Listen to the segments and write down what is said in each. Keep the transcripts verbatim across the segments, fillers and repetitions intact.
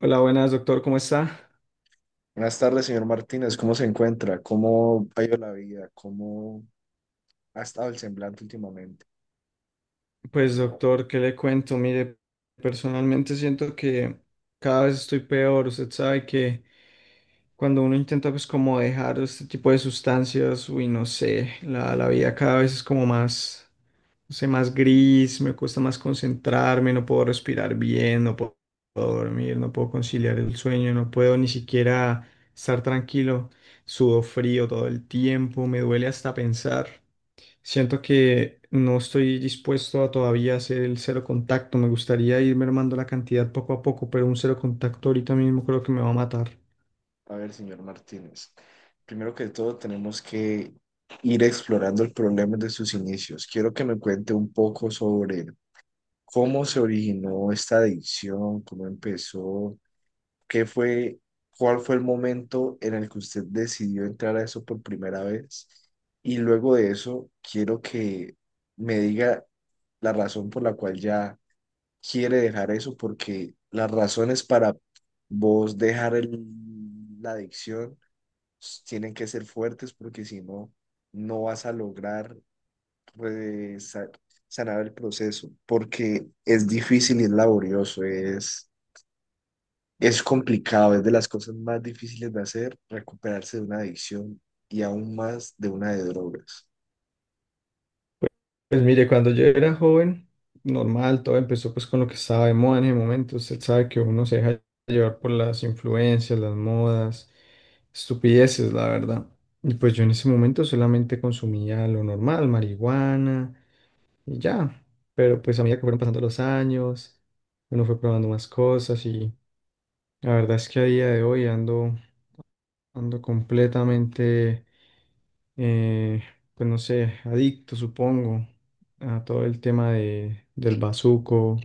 Hola, buenas, doctor, ¿cómo está? Buenas tardes, señor Martínez. ¿Cómo se encuentra? ¿Cómo ha ido la vida? ¿Cómo ha estado el semblante últimamente? Pues, doctor, ¿qué le cuento? Mire, personalmente siento que cada vez estoy peor. Usted sabe que cuando uno intenta, pues, como dejar este tipo de sustancias, uy, no sé, la, la vida cada vez es como más, no sé, más gris, me cuesta más concentrarme, no puedo respirar bien, no puedo puedo dormir, no puedo conciliar el sueño, no puedo ni siquiera estar tranquilo, sudo frío todo el tiempo, me duele hasta pensar. Siento que no estoy dispuesto a todavía hacer el cero contacto. Me gustaría ir mermando la cantidad poco a poco, pero un cero contacto ahorita mismo creo que me va a matar. A ver, señor Martínez. Primero que todo, tenemos que ir explorando el problema de sus inicios. Quiero que me cuente un poco sobre cómo se originó esta adicción, cómo empezó, qué fue, cuál fue el momento en el que usted decidió entrar a eso por primera vez. Y luego de eso, quiero que me diga la razón por la cual ya quiere dejar eso, porque las razones para vos dejar el- la adicción s- tienen que ser fuertes, porque si no, no vas a lograr re- sa- sanar el proceso, porque es difícil y es laborioso, es, es complicado, es de las cosas más difíciles de hacer recuperarse de una adicción y aún más de una de drogas. Pues mire, cuando yo era joven, normal, todo empezó pues con lo que estaba de moda en ese momento. Usted sabe que uno se deja llevar por las influencias, las modas, estupideces, la verdad. Y pues yo en ese momento solamente consumía lo normal, marihuana y ya. Pero pues a medida que fueron pasando los años, uno fue probando más cosas y la verdad es que a día de hoy ando, ando completamente, eh, pues no sé, adicto, supongo, a todo el tema de, del bazuco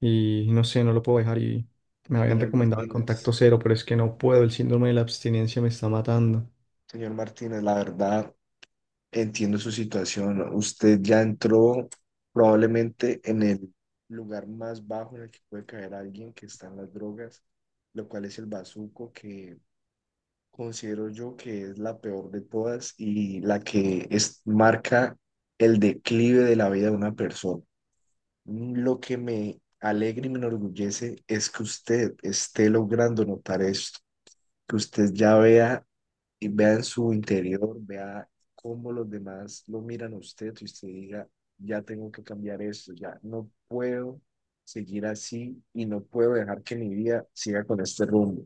y no sé, no lo puedo dejar y me habían Señor recomendado el Martínez, contacto cero, pero es que no puedo, el síndrome de la abstinencia me está matando. señor Martínez, la verdad. Entiendo su situación. Usted ya entró probablemente en el lugar más bajo en el que puede caer alguien que está en las drogas, lo cual es el bazuco, que considero yo que es la peor de todas y la que es, marca el declive de la vida de una persona. Lo que me alegra y me enorgullece es que usted esté logrando notar esto, que usted ya vea y vea en su interior, vea cómo los demás lo miran a usted y usted diga, ya tengo que cambiar esto, ya no puedo seguir así y no puedo dejar que mi vida siga con este rumbo.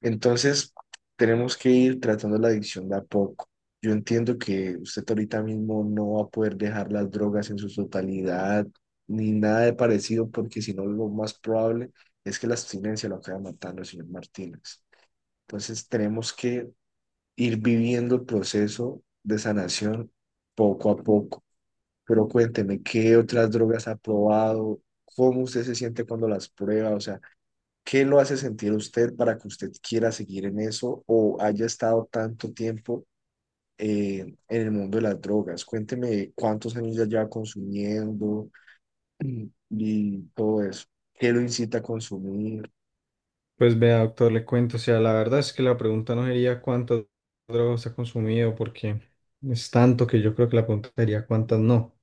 Entonces, tenemos que ir tratando la adicción de a poco. Yo entiendo que usted ahorita mismo no va a poder dejar las drogas en su totalidad ni nada de parecido, porque si no, lo más probable es que la abstinencia lo acabe matando, señor Martínez. Entonces, tenemos que ir viviendo el proceso de sanación poco a poco. Pero cuénteme, ¿qué otras drogas ha probado? ¿Cómo usted se siente cuando las prueba? O sea, ¿qué lo hace sentir a usted para que usted quiera seguir en eso o haya estado tanto tiempo eh, en el mundo de las drogas? Cuénteme cuántos años ya lleva consumiendo y todo eso. ¿Qué lo incita a consumir, Pues vea, doctor, le cuento, o sea, la verdad es que la pregunta no sería cuántas drogas ha consumido, porque es tanto que yo creo que la pregunta sería cuántas no.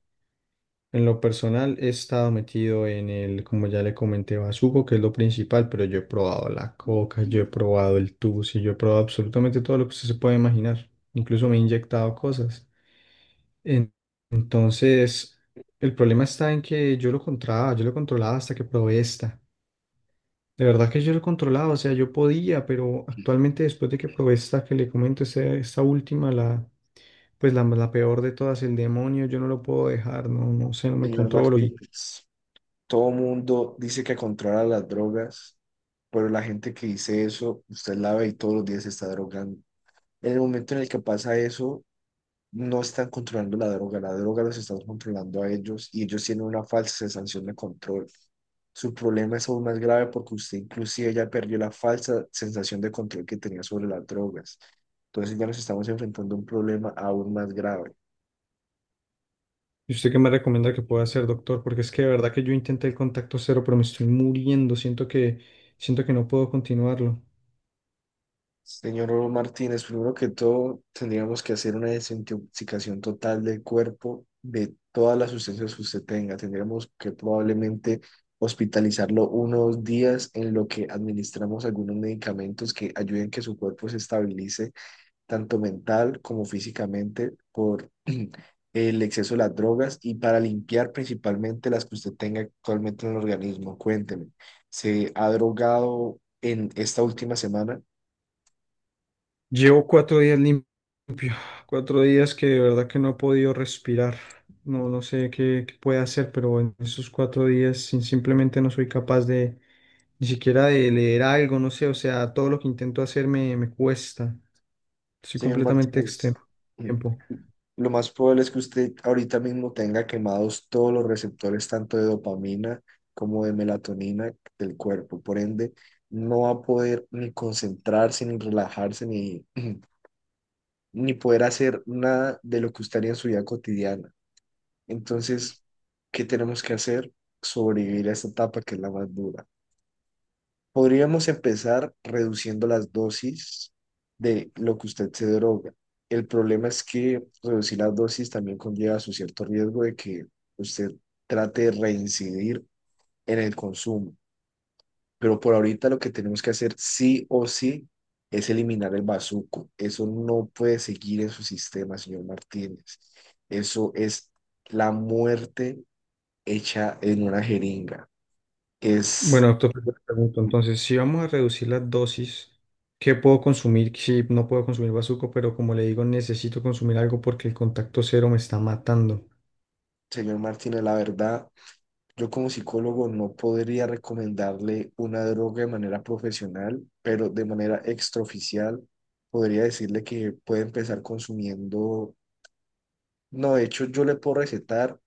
En lo personal he estado metido en el, como ya le comenté, bazuco, que es lo principal, pero yo he probado la coca, yo he probado el tusi, yo he probado absolutamente todo lo que usted se puede imaginar. Incluso me he inyectado cosas. En- Entonces, el problema está en que yo lo controlaba, yo lo controlaba hasta que probé esta. De verdad que yo lo controlaba, o sea, yo podía, pero actualmente después de que probé esta que le comento, esta, esta última, la, pues la, la peor de todas, el demonio, yo no lo puedo dejar, no, no sé, no me señor controlo. Martínez? Todo mundo dice que controla las drogas, pero la gente que dice eso, usted la ve y todos los días se está drogando. En el momento en el que pasa eso, no están controlando la droga, la droga los está controlando a ellos y ellos tienen una falsa sensación de control. Su problema es aún más grave porque usted inclusive ya perdió la falsa sensación de control que tenía sobre las drogas. Entonces ya nos estamos enfrentando a un problema aún más grave. ¿Y usted qué me recomienda que pueda hacer, doctor? Porque es que de verdad que yo intenté el contacto cero, pero me estoy muriendo. Siento que, siento que no puedo continuarlo. Señor Martínez, primero que todo, tendríamos que hacer una desintoxicación total del cuerpo de todas las sustancias que usted tenga. Tendríamos que probablemente hospitalizarlo unos días en lo que administramos algunos medicamentos que ayuden que su cuerpo se estabilice, tanto mental como físicamente, por el exceso de las drogas y para limpiar principalmente las que usted tenga actualmente en el organismo. Cuénteme, ¿se ha drogado en esta última semana? Llevo cuatro días lim- limpio, cuatro días que de verdad que no he podido respirar. No, no sé qué, qué puede hacer, pero en esos cuatro días sin- simplemente no soy capaz de ni siquiera de leer algo, no sé. O sea, todo lo que intento hacer me, me cuesta. Estoy Señor completamente Martínez, extenuado. Tiempo. lo más probable es que usted ahorita mismo tenga quemados todos los receptores, tanto de dopamina como de melatonina del cuerpo. Por ende, no va a poder ni concentrarse, ni relajarse, ni, ni poder hacer nada de lo que usted haría en su vida cotidiana. Entonces, ¿qué tenemos que hacer? Sobrevivir a esta etapa que es la más dura. Podríamos empezar reduciendo las dosis de lo que usted se droga. El problema es que reducir las dosis también conlleva su cierto riesgo de que usted trate de reincidir en el consumo. Pero por ahorita lo que tenemos que hacer sí o sí es eliminar el bazuco. Eso no puede seguir en su sistema, señor Martínez. Eso es la muerte hecha en una jeringa. Bueno, Es, doctor, yo te pregunto, entonces, si vamos a reducir las dosis, ¿qué puedo consumir? Si no puedo consumir bazuco, pero como le digo, necesito consumir algo porque el contacto cero me está matando. señor Martínez, la verdad. Yo como psicólogo no podría recomendarle una droga de manera profesional, pero de manera extraoficial podría decirle que puede empezar consumiendo, no, de hecho yo le puedo recetar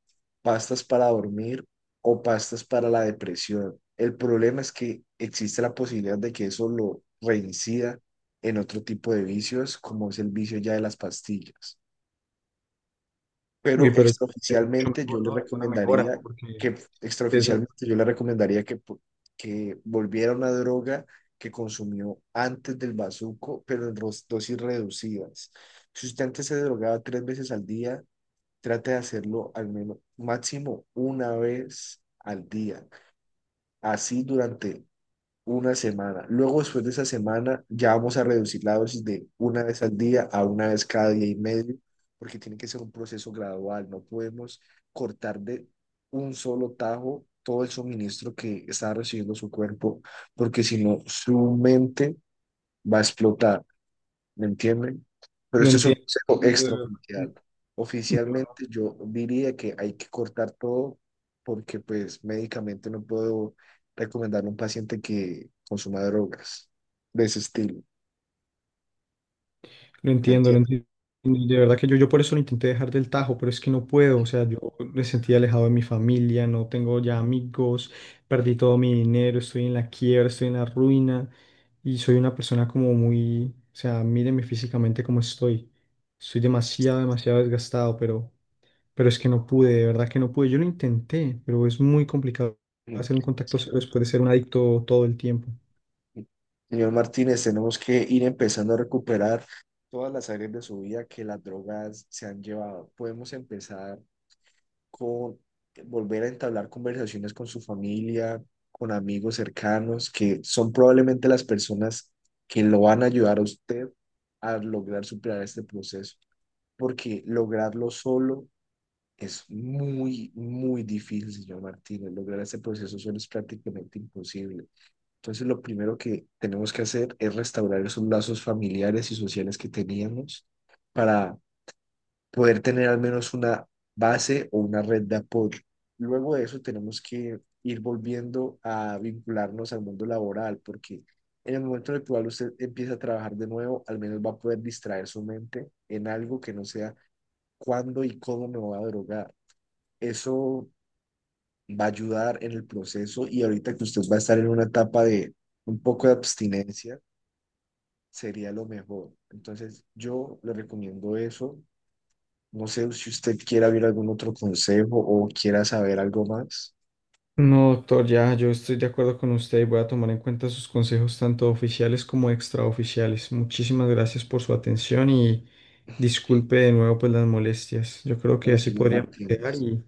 pastas para dormir o pastas para la depresión. El problema es que existe la posibilidad de que eso lo reincida en otro tipo de vicios, como es el vicio ya de las pastillas. Uy, Pero pero es mucho extraoficialmente yo mejor, le ¿no? Es una mejora, recomendaría porque que, es- extraoficialmente yo le recomendaría que, po- que volviera una droga que consumió antes del bazuco, pero en ros- dosis reducidas. Si usted antes se drogaba tres veces al día, trate de hacerlo al menos máximo una vez al día, así durante una semana. Luego, después de esa semana, ya vamos a reducir la dosis de una vez al día a una vez cada día y medio, porque tiene que ser un proceso gradual. No podemos cortar de un solo tajo todo el suministro que está recibiendo su cuerpo, porque si no, su mente va a explotar. ¿Me entienden? Pero lo esto es un entiendo. consejo Entiendo, de extraoficial. verdad. Yo no Oficialmente yo diría que hay que cortar todo, porque pues médicamente no puedo recomendarle a un paciente que consuma drogas de ese estilo, lo ¿me entiendo, lo entienden? entiendo. Y de verdad que yo, yo por eso lo intenté dejar del tajo, pero es que no puedo. O sea, yo me sentí alejado de mi familia, no tengo ya amigos, perdí todo mi dinero, estoy en la quiebra, estoy en la ruina y soy una persona como muy, o sea, míreme físicamente cómo estoy. Estoy demasiado, demasiado desgastado, pero, pero es que no pude, de verdad que no pude. Yo lo intenté, pero es muy complicado hacer un Es contacto cero que- después de ser un adicto todo el tiempo. Señor Martínez, tenemos que ir empezando a recuperar todas las áreas de su vida que las drogas se han llevado. Podemos empezar con volver a entablar conversaciones con su familia, con amigos cercanos, que son probablemente las personas que lo van a ayudar a usted a lograr superar este proceso, porque lograrlo solo es muy, muy difícil, señor Martínez. Lograr este proceso solo es prácticamente imposible. Entonces, lo primero que tenemos que hacer es restaurar esos lazos familiares y sociales que teníamos para poder tener al menos una base o una red de apoyo. Luego de eso tenemos que ir volviendo a vincularnos al mundo laboral, porque en el momento en el cual usted empieza a trabajar de nuevo, al menos va a poder distraer su mente en algo que no sea cuándo y cómo me voy a drogar. Eso va a ayudar en el proceso, y ahorita que usted va a estar en una etapa de un poco de abstinencia, sería lo mejor. Entonces, yo le recomiendo eso. No sé si usted quiera ver algún otro consejo o quiera saber algo más. No, doctor, ya yo estoy de acuerdo con usted y voy a tomar en cuenta sus consejos tanto oficiales como extraoficiales. Muchísimas gracias por su atención y disculpe de nuevo pues las molestias. Yo creo que Bueno, así señor podríamos quedar Martínez, y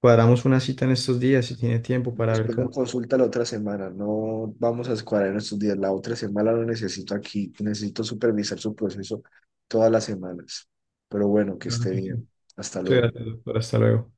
cuadramos una cita en estos días si tiene tiempo lo para ver espero en cómo. consulta la otra semana. No vamos a escuadrar en estos días. La otra semana lo necesito aquí. Necesito supervisar su proceso todas las semanas. Pero bueno, que Claro esté que sí. bien. Hasta Muchas luego. gracias, doctor. Hasta luego.